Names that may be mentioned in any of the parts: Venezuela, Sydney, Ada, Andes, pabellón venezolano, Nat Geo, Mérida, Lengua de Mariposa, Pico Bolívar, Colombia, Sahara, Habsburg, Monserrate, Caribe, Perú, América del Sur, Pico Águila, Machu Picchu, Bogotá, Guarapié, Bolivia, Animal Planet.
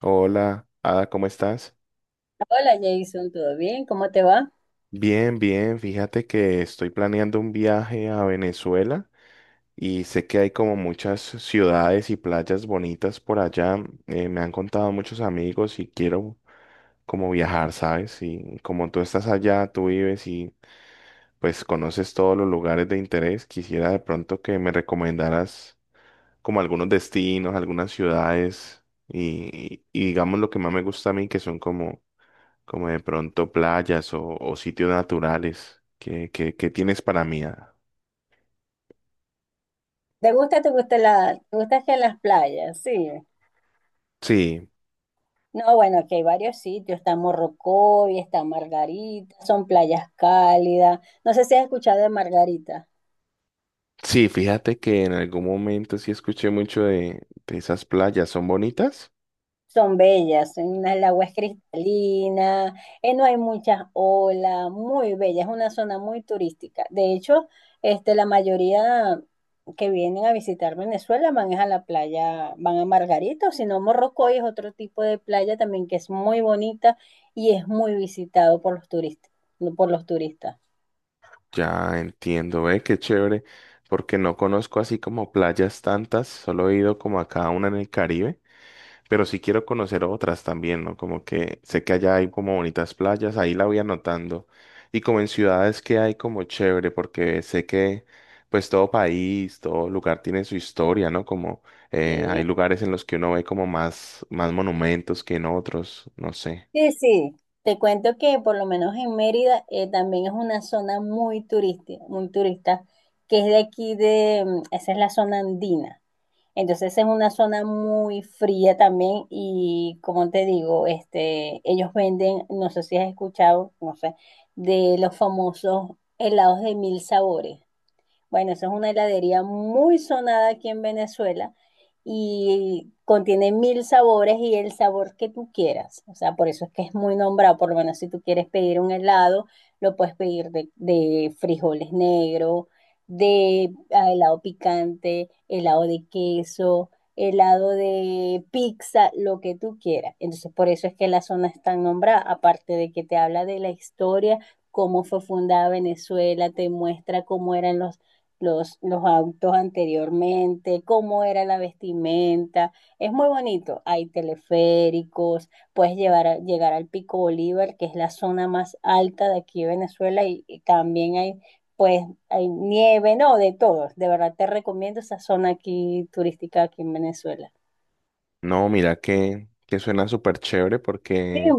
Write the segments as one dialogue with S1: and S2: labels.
S1: Hola, Ada, ¿cómo estás?
S2: Hola Jason, ¿todo bien? ¿Cómo te va?
S1: Bien, bien. Fíjate que estoy planeando un viaje a Venezuela y sé que hay como muchas ciudades y playas bonitas por allá. Me han contado muchos amigos y quiero como viajar, ¿sabes? Y como tú estás allá, tú vives y pues conoces todos los lugares de interés, quisiera de pronto que me recomendaras como algunos destinos, algunas ciudades y digamos lo que más me gusta a mí que son como, como de pronto playas o sitios naturales que tienes para mí. ¿ah?
S2: ¿Te gusta que las playas? Sí.
S1: Sí,
S2: No, bueno, aquí hay varios sitios, está Morrocoy, está Margarita, son playas cálidas. No sé si has escuchado de Margarita.
S1: sí, fíjate que en algún momento sí escuché mucho de esas playas, ¿son bonitas?
S2: Son bellas, el agua es cristalina, no hay muchas olas, muy bella, es una zona muy turística. De hecho, la mayoría que vienen a visitar Venezuela van es a la playa, van a Margarita, o si no, Morrocoy es otro tipo de playa también que es muy bonita y es muy visitado por los turistas.
S1: Ya entiendo, ve, qué chévere, porque no conozco así como playas tantas, solo he ido como a cada una en el Caribe. Pero sí quiero conocer otras también, ¿no? Como que sé que allá hay como bonitas playas, ahí la voy anotando. Y como en ciudades que hay como chévere, porque sé que pues todo país, todo lugar tiene su historia, ¿no? Como hay lugares en los que uno ve como más, más monumentos que en otros, no sé.
S2: Sí, sí, te cuento que por lo menos en Mérida también es una zona muy turística, muy turista, que es de aquí esa es la zona andina. Entonces es una zona muy fría también y como te digo, ellos venden, no sé si has escuchado, no sé, de los famosos helados de mil sabores. Bueno, esa es una heladería muy sonada aquí en Venezuela y contiene mil sabores y el sabor que tú quieras. O sea, por eso es que es muy nombrado. Por lo menos si tú quieres pedir un helado, lo puedes pedir de, frijoles negros, helado picante, helado de queso, helado de pizza, lo que tú quieras. Entonces, por eso es que la zona es tan nombrada, aparte de que te habla de la historia, cómo fue fundada Venezuela, te muestra cómo eran los los autos anteriormente, cómo era la vestimenta. Es muy bonito. Hay teleféricos, puedes llegar al Pico Bolívar, que es la zona más alta de aquí de Venezuela, y también pues hay nieve, no, de todos. De verdad te recomiendo esa zona aquí turística aquí en Venezuela.
S1: No, mira que suena súper chévere
S2: Sí,
S1: porque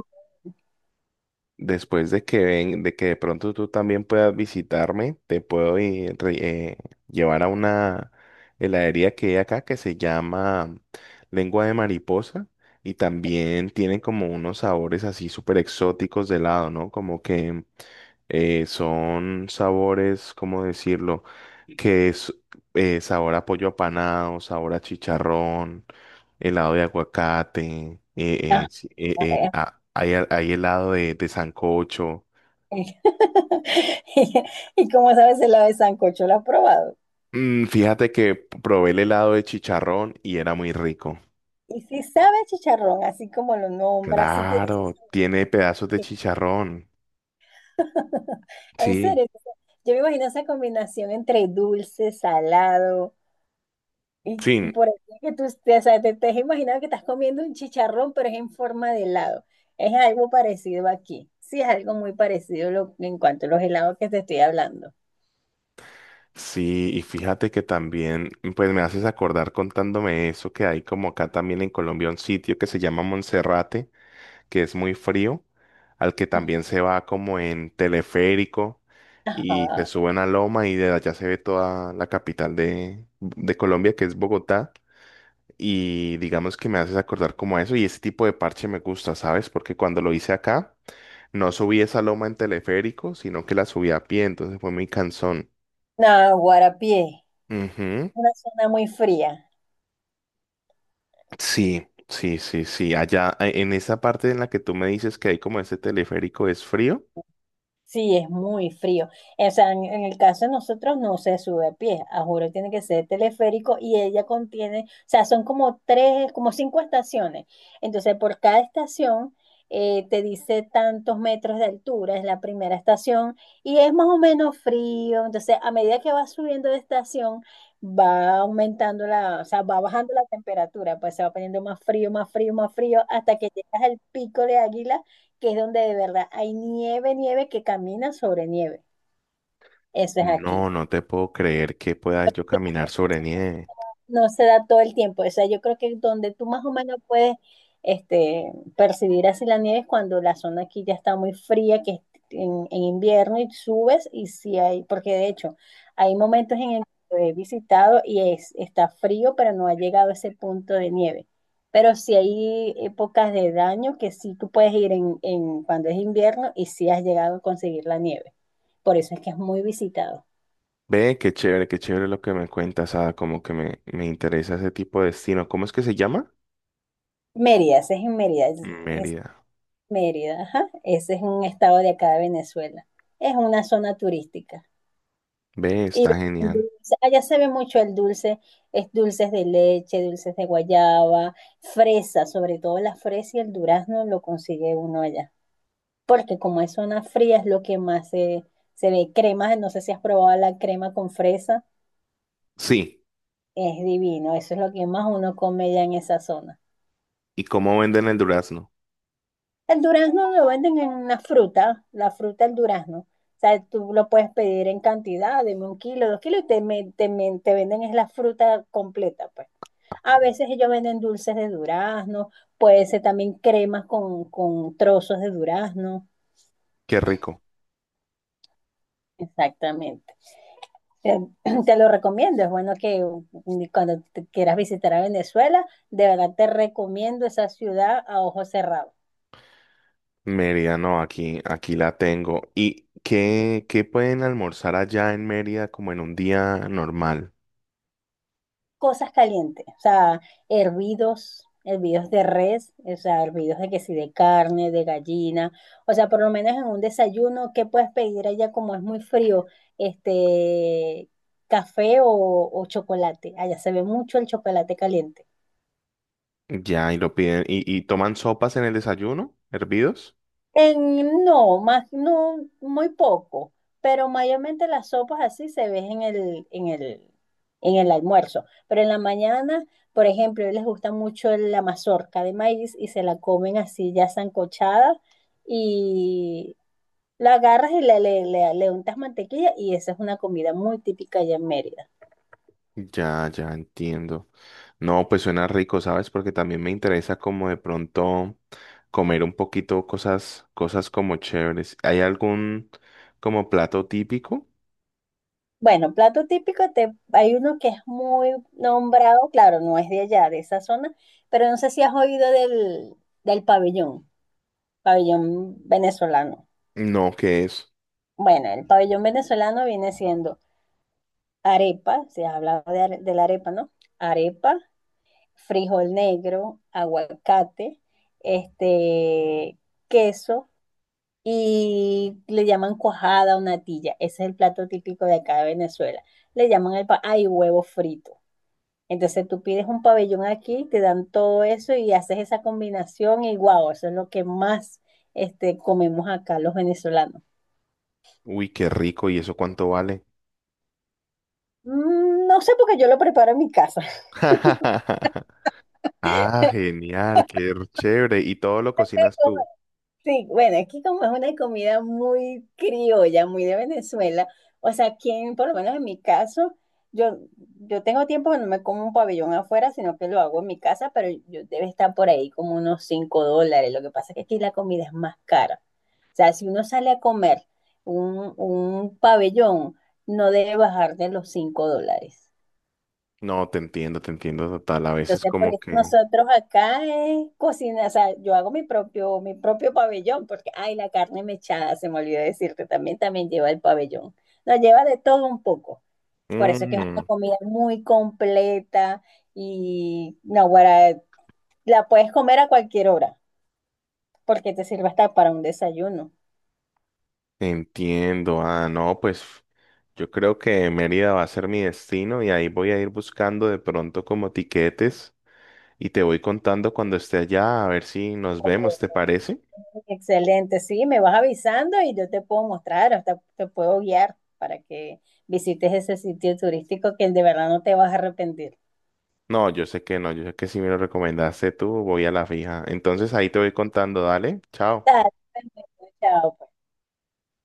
S1: después de que ven, de que de pronto tú también puedas visitarme, te puedo eh, llevar a una heladería que hay acá que se llama Lengua de Mariposa y también tienen como unos sabores así súper exóticos de helado, ¿no? Como que son sabores, ¿cómo decirlo? Que es sabor a pollo apanado, sabor a chicharrón, helado de aguacate,
S2: ajá. eh, eh.
S1: hay helado de sancocho.
S2: Y y como sabes, el ave sancocho, ¿lo has probado?
S1: Mm, fíjate que probé el helado de chicharrón y era muy rico.
S2: Y si sabe a chicharrón, así como lo nombra, si tiene su
S1: Claro,
S2: sentido.
S1: tiene pedazos de chicharrón.
S2: En
S1: Sí,
S2: serio, o sea, yo me imagino esa combinación entre dulce, salado, y
S1: sí,
S2: por aquí que o sea, te has imaginado que estás comiendo un chicharrón, pero es en forma de helado. Es algo parecido aquí. Sí, es algo muy parecido en cuanto a los helados que te estoy hablando.
S1: sí, y fíjate que también, pues me haces acordar contándome eso, que hay como acá también en Colombia un sitio que se llama Monserrate, que es muy frío, al que también se va como en teleférico y se
S2: Ajá.
S1: sube a una loma y de allá se ve toda la capital de Colombia, que es Bogotá. Y digamos que me haces acordar como a eso y ese tipo de parche me gusta, ¿sabes? Porque cuando lo hice acá, no subí esa loma en teleférico, sino que la subí a pie, entonces fue muy cansón.
S2: No, Guarapié,
S1: Ujú.
S2: una zona muy fría.
S1: Sí, sí, sí, sí. Allá en esa parte en la que tú me dices que hay como ese teleférico es frío.
S2: Sí, es muy frío. O sea, en el caso de nosotros no se sube a pie, a juro, tiene que ser teleférico y ella contiene, o sea, son como tres, como cinco estaciones. Entonces, por cada estación te dice tantos metros de altura, es la primera estación y es más o menos frío. Entonces, a medida que va subiendo de estación, va aumentando o sea, va bajando la temperatura, pues se va poniendo más frío, más frío, más frío, hasta que llegas al pico de Águila, que es donde de verdad hay nieve, nieve que camina sobre nieve. Eso es aquí.
S1: No, no te puedo creer que pueda yo caminar sobre nieve.
S2: No se da todo el tiempo. O sea, yo creo que donde tú más o menos puedes percibir así la nieve es cuando la zona aquí ya está muy fría, que es en invierno y subes y si hay, porque de hecho hay momentos en el que lo he visitado y está frío, pero no ha llegado a ese punto de nieve. Pero si hay épocas de daño que sí tú puedes ir en cuando es invierno y sí has llegado a conseguir la nieve. Por eso es que es muy visitado.
S1: Ve, qué chévere lo que me cuentas, ah, como que me interesa ese tipo de destino. ¿Cómo es que se llama?
S2: Mérida, ese es en Mérida. Es-
S1: Mérida.
S2: Mérida, ajá. Ese es un estado de acá de Venezuela. Es una zona turística.
S1: Ve,
S2: Y
S1: está
S2: venden
S1: genial.
S2: dulce. Allá se ve mucho el dulce, es dulces de leche, dulces de guayaba, fresa, sobre todo la fresa y el durazno lo consigue uno allá. Porque como es zona fría, es lo que más se ve. Crema, no sé si has probado la crema con fresa,
S1: Sí,
S2: es divino. Eso es lo que más uno come ya en esa zona.
S1: ¿y cómo venden el durazno?
S2: El durazno lo venden en la fruta del durazno. O sea, tú lo puedes pedir en cantidad, deme 1 kilo, 2 kilos, y te venden es la fruta completa, pues. A veces ellos venden dulces de durazno, puede ser también cremas con trozos de durazno.
S1: Qué rico.
S2: Exactamente. Eh, Te lo recomiendo, es bueno que cuando te quieras visitar a Venezuela, de verdad te recomiendo esa ciudad a ojos cerrados.
S1: Mérida, no, aquí, aquí la tengo. ¿Y qué, qué pueden almorzar allá en Mérida como en un día normal?
S2: Cosas calientes, o sea, hervidos de res, o sea, hervidos de que sí, de carne, de gallina, o sea, por lo menos en un desayuno, ¿qué puedes pedir allá como es muy frío? Este, café o chocolate, allá se ve mucho el chocolate caliente.
S1: Ya, y lo piden, y toman sopas en el desayuno, hervidos.
S2: No, más, no, muy poco, pero mayormente las sopas así se ven en el almuerzo. Pero en la mañana, por ejemplo, a ellos les gusta mucho la mazorca de maíz y se la comen así ya sancochada y la agarras y le untas mantequilla y esa es una comida muy típica allá en Mérida.
S1: Ya, ya entiendo. No, pues suena rico, ¿sabes? Porque también me interesa como de pronto comer un poquito cosas, cosas como chéveres. ¿Hay algún como plato típico?
S2: Bueno, plato típico, hay uno que es muy nombrado, claro, no es de allá, de esa zona, pero no sé si has oído del pabellón. Pabellón venezolano.
S1: No, ¿qué es?
S2: Bueno, el pabellón venezolano viene siendo arepa, se habla de la arepa, ¿no? Arepa, frijol negro, aguacate, este, queso y le llaman cuajada o natilla. Ese es el plato típico de acá de Venezuela. Le llaman el pa ay, huevo frito. Entonces tú pides un pabellón aquí, te dan todo eso y haces esa combinación y guau, eso es lo que más comemos acá los venezolanos.
S1: Uy, qué rico, ¿y eso cuánto vale?
S2: No sé porque yo lo preparo en mi casa.
S1: Ah, genial, qué chévere. ¿Y todo lo cocinas tú?
S2: Sí, bueno, aquí como es una comida muy criolla, muy de Venezuela, o sea, aquí por lo menos en mi caso, yo, yo tengo tiempo que no me como un pabellón afuera, sino que lo hago en mi casa, pero yo debe estar por ahí como unos 5 dólares. Lo que pasa es que aquí la comida es más cara. O sea, si uno sale a comer un pabellón, no debe bajar de los 5 dólares.
S1: No, te entiendo total. A veces
S2: Entonces, por
S1: como
S2: eso
S1: que...
S2: nosotros acá es cocina, o sea, yo hago mi propio pabellón, porque, ay, la carne mechada, se me olvidó decirte, también lleva el pabellón. Nos lleva de todo un poco. Por eso es que es una
S1: Mm.
S2: comida muy completa y no, guara, la puedes comer a cualquier hora, porque te sirve hasta para un desayuno.
S1: Entiendo, ah, no, pues yo creo que Mérida va a ser mi destino y ahí voy a ir buscando de pronto como tiquetes y te voy contando cuando esté allá a ver si nos vemos, ¿te parece?
S2: Excelente, sí, me vas avisando y yo te puedo mostrar, hasta te puedo guiar para que visites ese sitio turístico que de verdad no te vas a arrepentir.
S1: No, yo sé que no, yo sé que si me lo recomendaste tú, voy a la fija. Entonces ahí te voy contando, dale, chao.
S2: Dale, perfecto, chao, pues.